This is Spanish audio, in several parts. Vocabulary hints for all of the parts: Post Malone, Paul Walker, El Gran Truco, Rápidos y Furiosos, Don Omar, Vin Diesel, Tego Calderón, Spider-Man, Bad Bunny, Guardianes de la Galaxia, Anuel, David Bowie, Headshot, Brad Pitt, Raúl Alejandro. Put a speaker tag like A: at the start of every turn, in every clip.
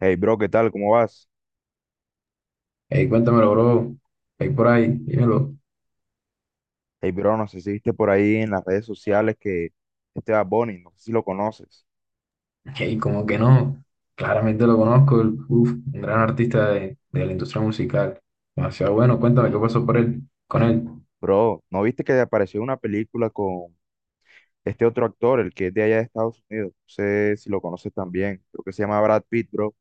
A: Hey bro, ¿qué tal? ¿Cómo vas?
B: Ey, cuéntamelo, bro. Ahí por ahí, dímelo.
A: Hey bro, no sé si viste por ahí en las redes sociales que este Bad Bunny, no sé si lo conoces.
B: Ey, como que no. Claramente lo conozco. Un gran artista de la industria musical. Demasiado bueno. Cuéntame qué pasó por con él.
A: Bro, ¿no viste que apareció una película con este otro actor, el que es de allá de Estados Unidos? No sé si lo conoces también. Creo que se llama Brad Pitt, bro.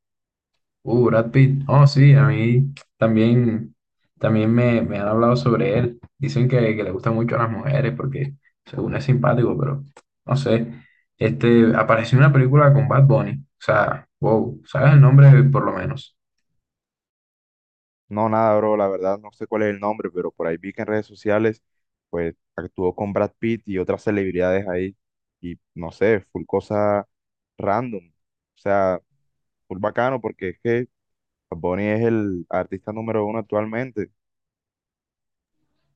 B: Brad Pitt. Oh, sí, a mí también, también me han hablado sobre él. Dicen que le gusta mucho a las mujeres porque según es simpático, pero no sé. Apareció en una película con Bad Bunny. O sea, wow, ¿sabes el nombre por lo menos?
A: No, nada, bro, la verdad no sé cuál es el nombre, pero por ahí vi que en redes sociales, pues actuó con Brad Pitt y otras celebridades ahí. Y no sé, full cosa random. O sea, full bacano porque es que Bad Bunny es el artista número uno actualmente.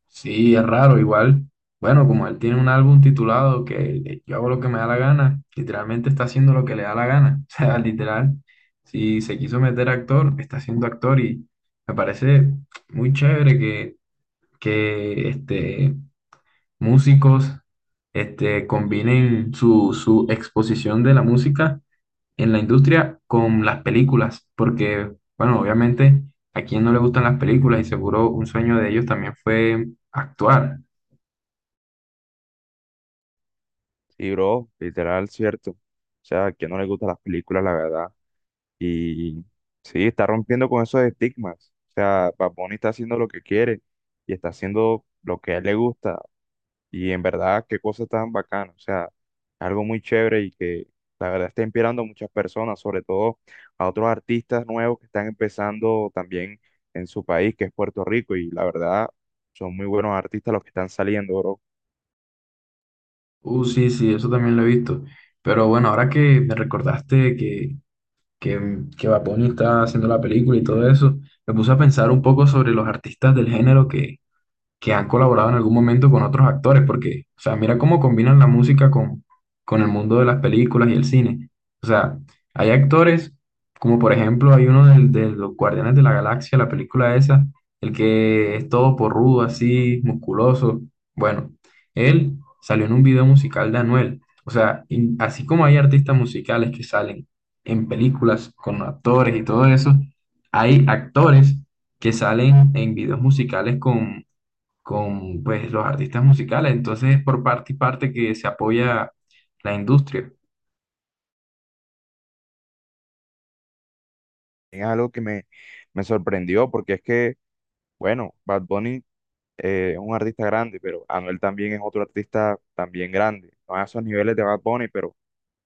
B: Sí, es raro, igual. Bueno, como él tiene un álbum titulado que yo hago lo que me da la gana, literalmente está haciendo lo que le da la gana. O sea, literal, si se quiso meter actor, está siendo actor y me parece muy chévere que músicos combinen su exposición de la música en la industria con las películas, porque, bueno, obviamente a quien no le gustan las películas y seguro un sueño de ellos también fue actuar.
A: Sí bro, literal, cierto. O sea, a quien no le gustan las películas, la verdad. Y sí, está rompiendo con esos estigmas. O sea, Bad Bunny está haciendo lo que quiere y está haciendo lo que a él le gusta. Y en verdad, qué cosa tan bacana. O sea, algo muy chévere y que la verdad está inspirando a muchas personas, sobre todo a otros artistas nuevos que están empezando también en su país, que es Puerto Rico. Y la verdad, son muy buenos artistas los que están saliendo, bro.
B: Sí, sí, eso también lo he visto. Pero bueno, ahora que me recordaste que, que Bad Bunny está haciendo la película y todo eso, me puse a pensar un poco sobre los artistas del género que han colaborado en algún momento con otros actores, porque, o sea, mira cómo combinan la música con el mundo de las películas y el cine. O sea, hay actores, como por ejemplo hay uno de los Guardianes de la Galaxia, la película esa, el que es todo porrudo, así, musculoso. Bueno, él salió en un video musical de Anuel. O sea, y así como hay artistas musicales que salen en películas con actores y todo eso, hay actores que salen en videos musicales con pues los artistas musicales, entonces es por parte y parte que se apoya la industria.
A: Es algo que me sorprendió, porque es que, bueno, Bad Bunny es un artista grande, pero Anuel también es otro artista también grande, no a esos niveles de Bad Bunny, pero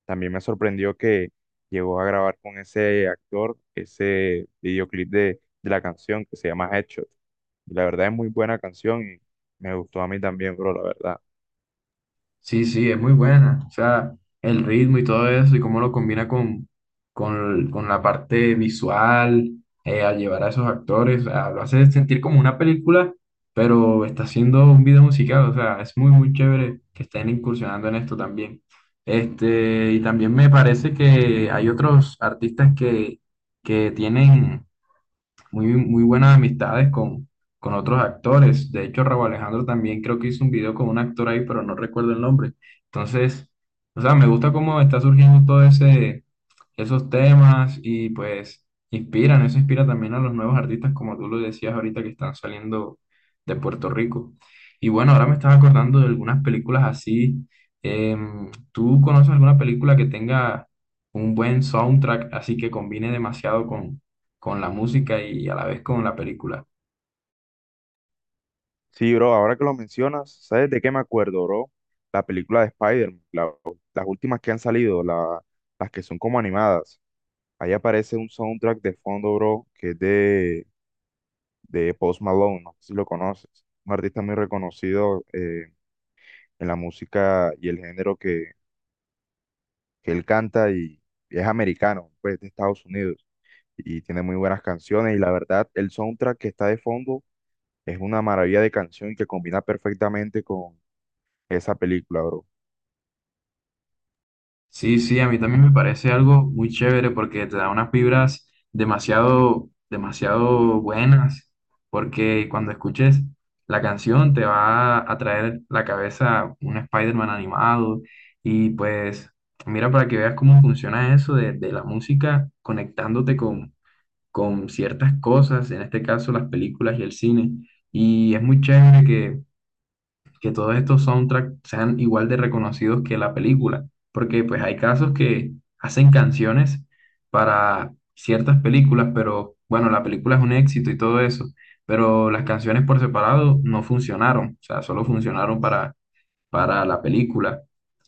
A: también me sorprendió que llegó a grabar con ese actor ese videoclip de la canción que se llama Headshot. Y la verdad es muy buena canción y me gustó a mí también, bro, la verdad.
B: Sí, sí, es muy buena, o sea, el ritmo y todo eso y cómo lo combina con la parte visual, al llevar a esos actores, o sea, lo hace sentir como una película, pero está haciendo un video musical, o sea, es muy, muy chévere que estén incursionando en esto también. Y también me parece que hay otros artistas que tienen muy, muy buenas amistades con otros actores. De hecho, Raúl Alejandro también creo que hizo un video con un actor ahí, pero no recuerdo el nombre. Entonces, o sea, me gusta cómo está surgiendo esos temas y pues inspiran, eso inspira también a los nuevos artistas, como tú lo decías ahorita, que están saliendo de Puerto Rico. Y bueno, ahora me estaba acordando de algunas películas así. ¿Tú conoces alguna película que tenga un buen soundtrack, así que combine demasiado con la música y a la vez con la película?
A: Sí, bro, ahora que lo mencionas, ¿sabes de qué me acuerdo, bro? La película de Spider-Man, las últimas que han salido, las que son como animadas. Ahí aparece un soundtrack de fondo, bro, que es de Post Malone, no sé si lo conoces. Un artista muy reconocido en la música y el género que él canta y es americano, pues de Estados Unidos. Y tiene muy buenas canciones y la verdad, el soundtrack que está de fondo es una maravilla de canción y que combina perfectamente con esa película, bro.
B: Sí, sí, a mí también me parece algo muy chévere porque te da unas vibras demasiado, demasiado buenas, porque cuando escuches la canción te va a traer la cabeza un Spider-Man animado y pues mira para que veas cómo funciona eso de la música conectándote con ciertas cosas, en este caso las películas y el cine. Y es muy chévere que todos estos soundtracks sean igual de reconocidos que la película, porque pues hay casos que hacen canciones para ciertas películas, pero bueno, la película es un éxito y todo eso, pero las canciones por separado no funcionaron, o sea, solo funcionaron para la película.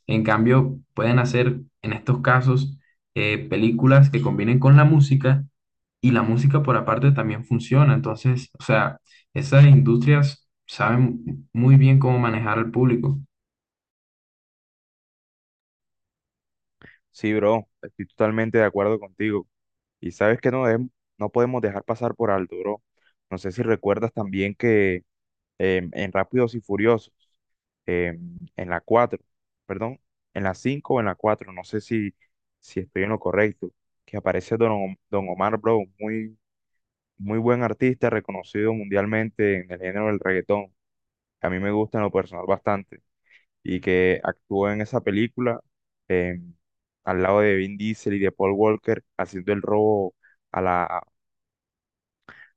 B: En cambio, pueden hacer en estos casos películas que combinen con la música y la música por aparte también funciona. Entonces, o sea, esas industrias saben muy bien cómo manejar al público.
A: Sí, bro, estoy totalmente de acuerdo contigo. Y sabes que no, no podemos dejar pasar por alto, bro. No sé si recuerdas también que en Rápidos y Furiosos, en la 4 perdón, en la 5 o en la 4 no sé si estoy en lo correcto, que aparece Don Omar Brown, muy buen artista, reconocido mundialmente en el género del reggaetón, que a mí me gusta en lo personal bastante, y que actuó en esa película em, al lado de Vin Diesel y de Paul Walker haciendo el robo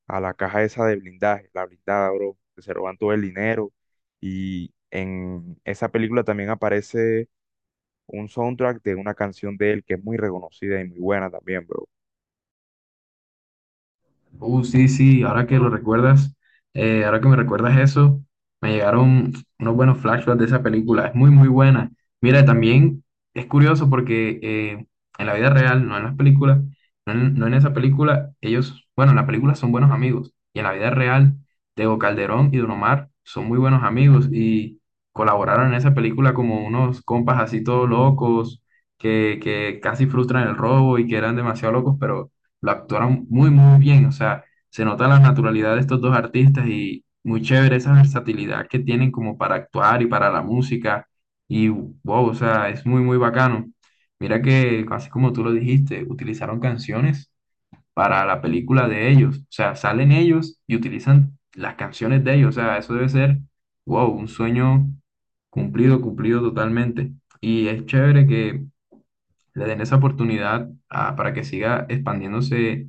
A: a la caja esa de blindaje, la blindada, bro, que se roban todo el dinero. Y en esa película también aparece un soundtrack de una canción de él que es muy reconocida y muy buena también, bro.
B: Sí, sí, ahora que lo recuerdas, ahora que me recuerdas eso, me llegaron unos buenos flashbacks de esa película, es muy, muy buena. Mira, también es curioso porque en la vida real, no en las películas, no en esa película, ellos, bueno, en la película son buenos amigos, y en la vida real, Tego Calderón y Don Omar son muy buenos amigos y colaboraron en esa película como unos compas así todos locos, que casi frustran el robo y que eran demasiado locos, pero lo actuaron muy, muy bien. O sea, se nota la naturalidad de estos dos artistas y muy chévere esa versatilidad que tienen como para actuar y para la música. Y wow, o sea, es muy, muy bacano. Mira que, así como tú lo dijiste, utilizaron canciones para la película de ellos. O sea, salen ellos y utilizan las canciones de ellos. O sea, eso debe ser, wow, un sueño cumplido, cumplido totalmente. Y es chévere que le den esa oportunidad para que siga expandiéndose,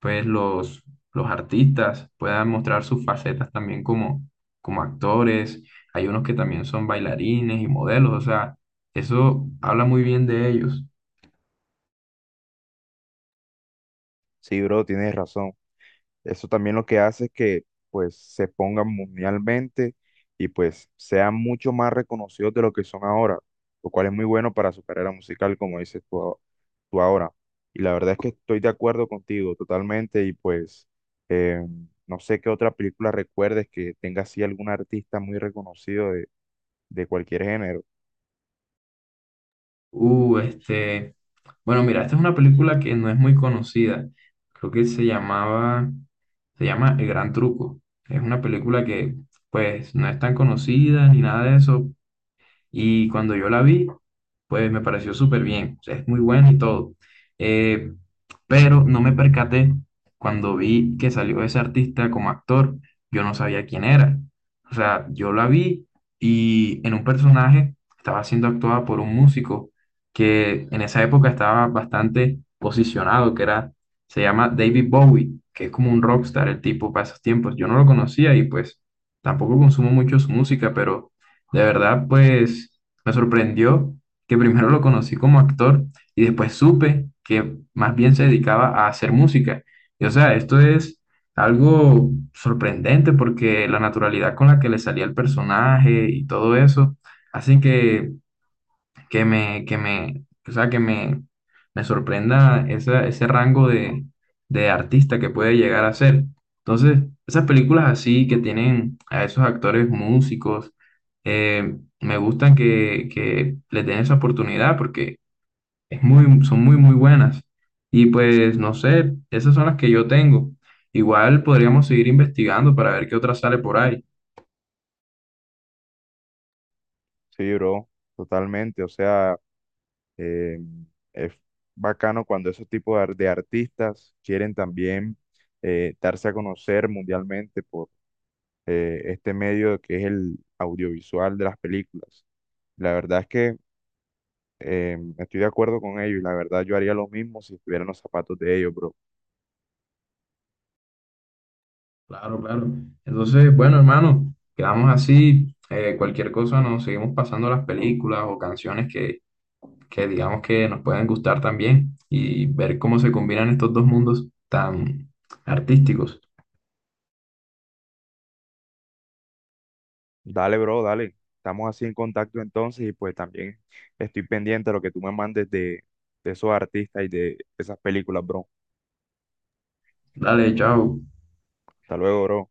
B: pues los artistas puedan mostrar sus facetas también como actores. Hay unos que también son bailarines y modelos, o sea, eso habla muy bien de ellos.
A: Sí, bro, tienes razón. Eso también lo que hace es que pues se pongan mundialmente y pues sean mucho más reconocidos de lo que son ahora, lo cual es muy bueno para su carrera musical, como dices tú, tú ahora. Y la verdad es que estoy de acuerdo contigo totalmente y pues eh, no sé qué otra película recuerdes que tenga así algún artista muy reconocido de cualquier género.
B: Uh, este, bueno, mira, esta es una película que no es muy conocida. Creo que se llama El Gran Truco. Es una película que, pues, no es tan conocida ni nada de eso. Y cuando yo la vi, pues me pareció súper bien, o sea, es muy buena y todo. Eh, pero no me percaté, cuando vi que salió ese artista como actor, yo no sabía quién era. O sea, yo la vi y en un personaje estaba siendo actuada por un músico que en esa época estaba bastante posicionado, se llama David Bowie, que es como un rockstar el tipo para esos tiempos. Yo no lo conocía y pues tampoco consumo mucho su música, pero de verdad, pues me sorprendió que primero lo conocí como actor y después supe que más bien se dedicaba a hacer música. Y o sea, esto es algo sorprendente porque la naturalidad con la que le salía el personaje y todo eso hacen que me, o sea, que me sorprenda ese rango de artista que puede llegar a ser. Entonces, esas películas así que tienen a esos actores músicos, me gustan, que les den esa oportunidad porque son muy, muy buenas. Y pues, no sé, esas son las que yo tengo. Igual podríamos seguir investigando para ver qué otra sale por ahí.
A: Sí, bro, totalmente. O sea... Eh, es bacano cuando esos tipos de artistas quieren también darse a conocer mundialmente por este medio que es el audiovisual de las películas. La verdad es que estoy de acuerdo con ellos y la verdad yo haría lo mismo si estuviera en los zapatos de ellos, bro.
B: Claro, claro. Entonces, bueno, hermano, quedamos así. Cualquier cosa nos seguimos pasando las películas o canciones que digamos que nos puedan gustar también y ver cómo se combinan estos dos mundos tan artísticos.
A: Dale, bro, dale. Estamos así en contacto entonces y pues también estoy pendiente de lo que tú me mandes de esos artistas y de esas películas, bro.
B: Dale, chao.
A: Hasta luego, bro.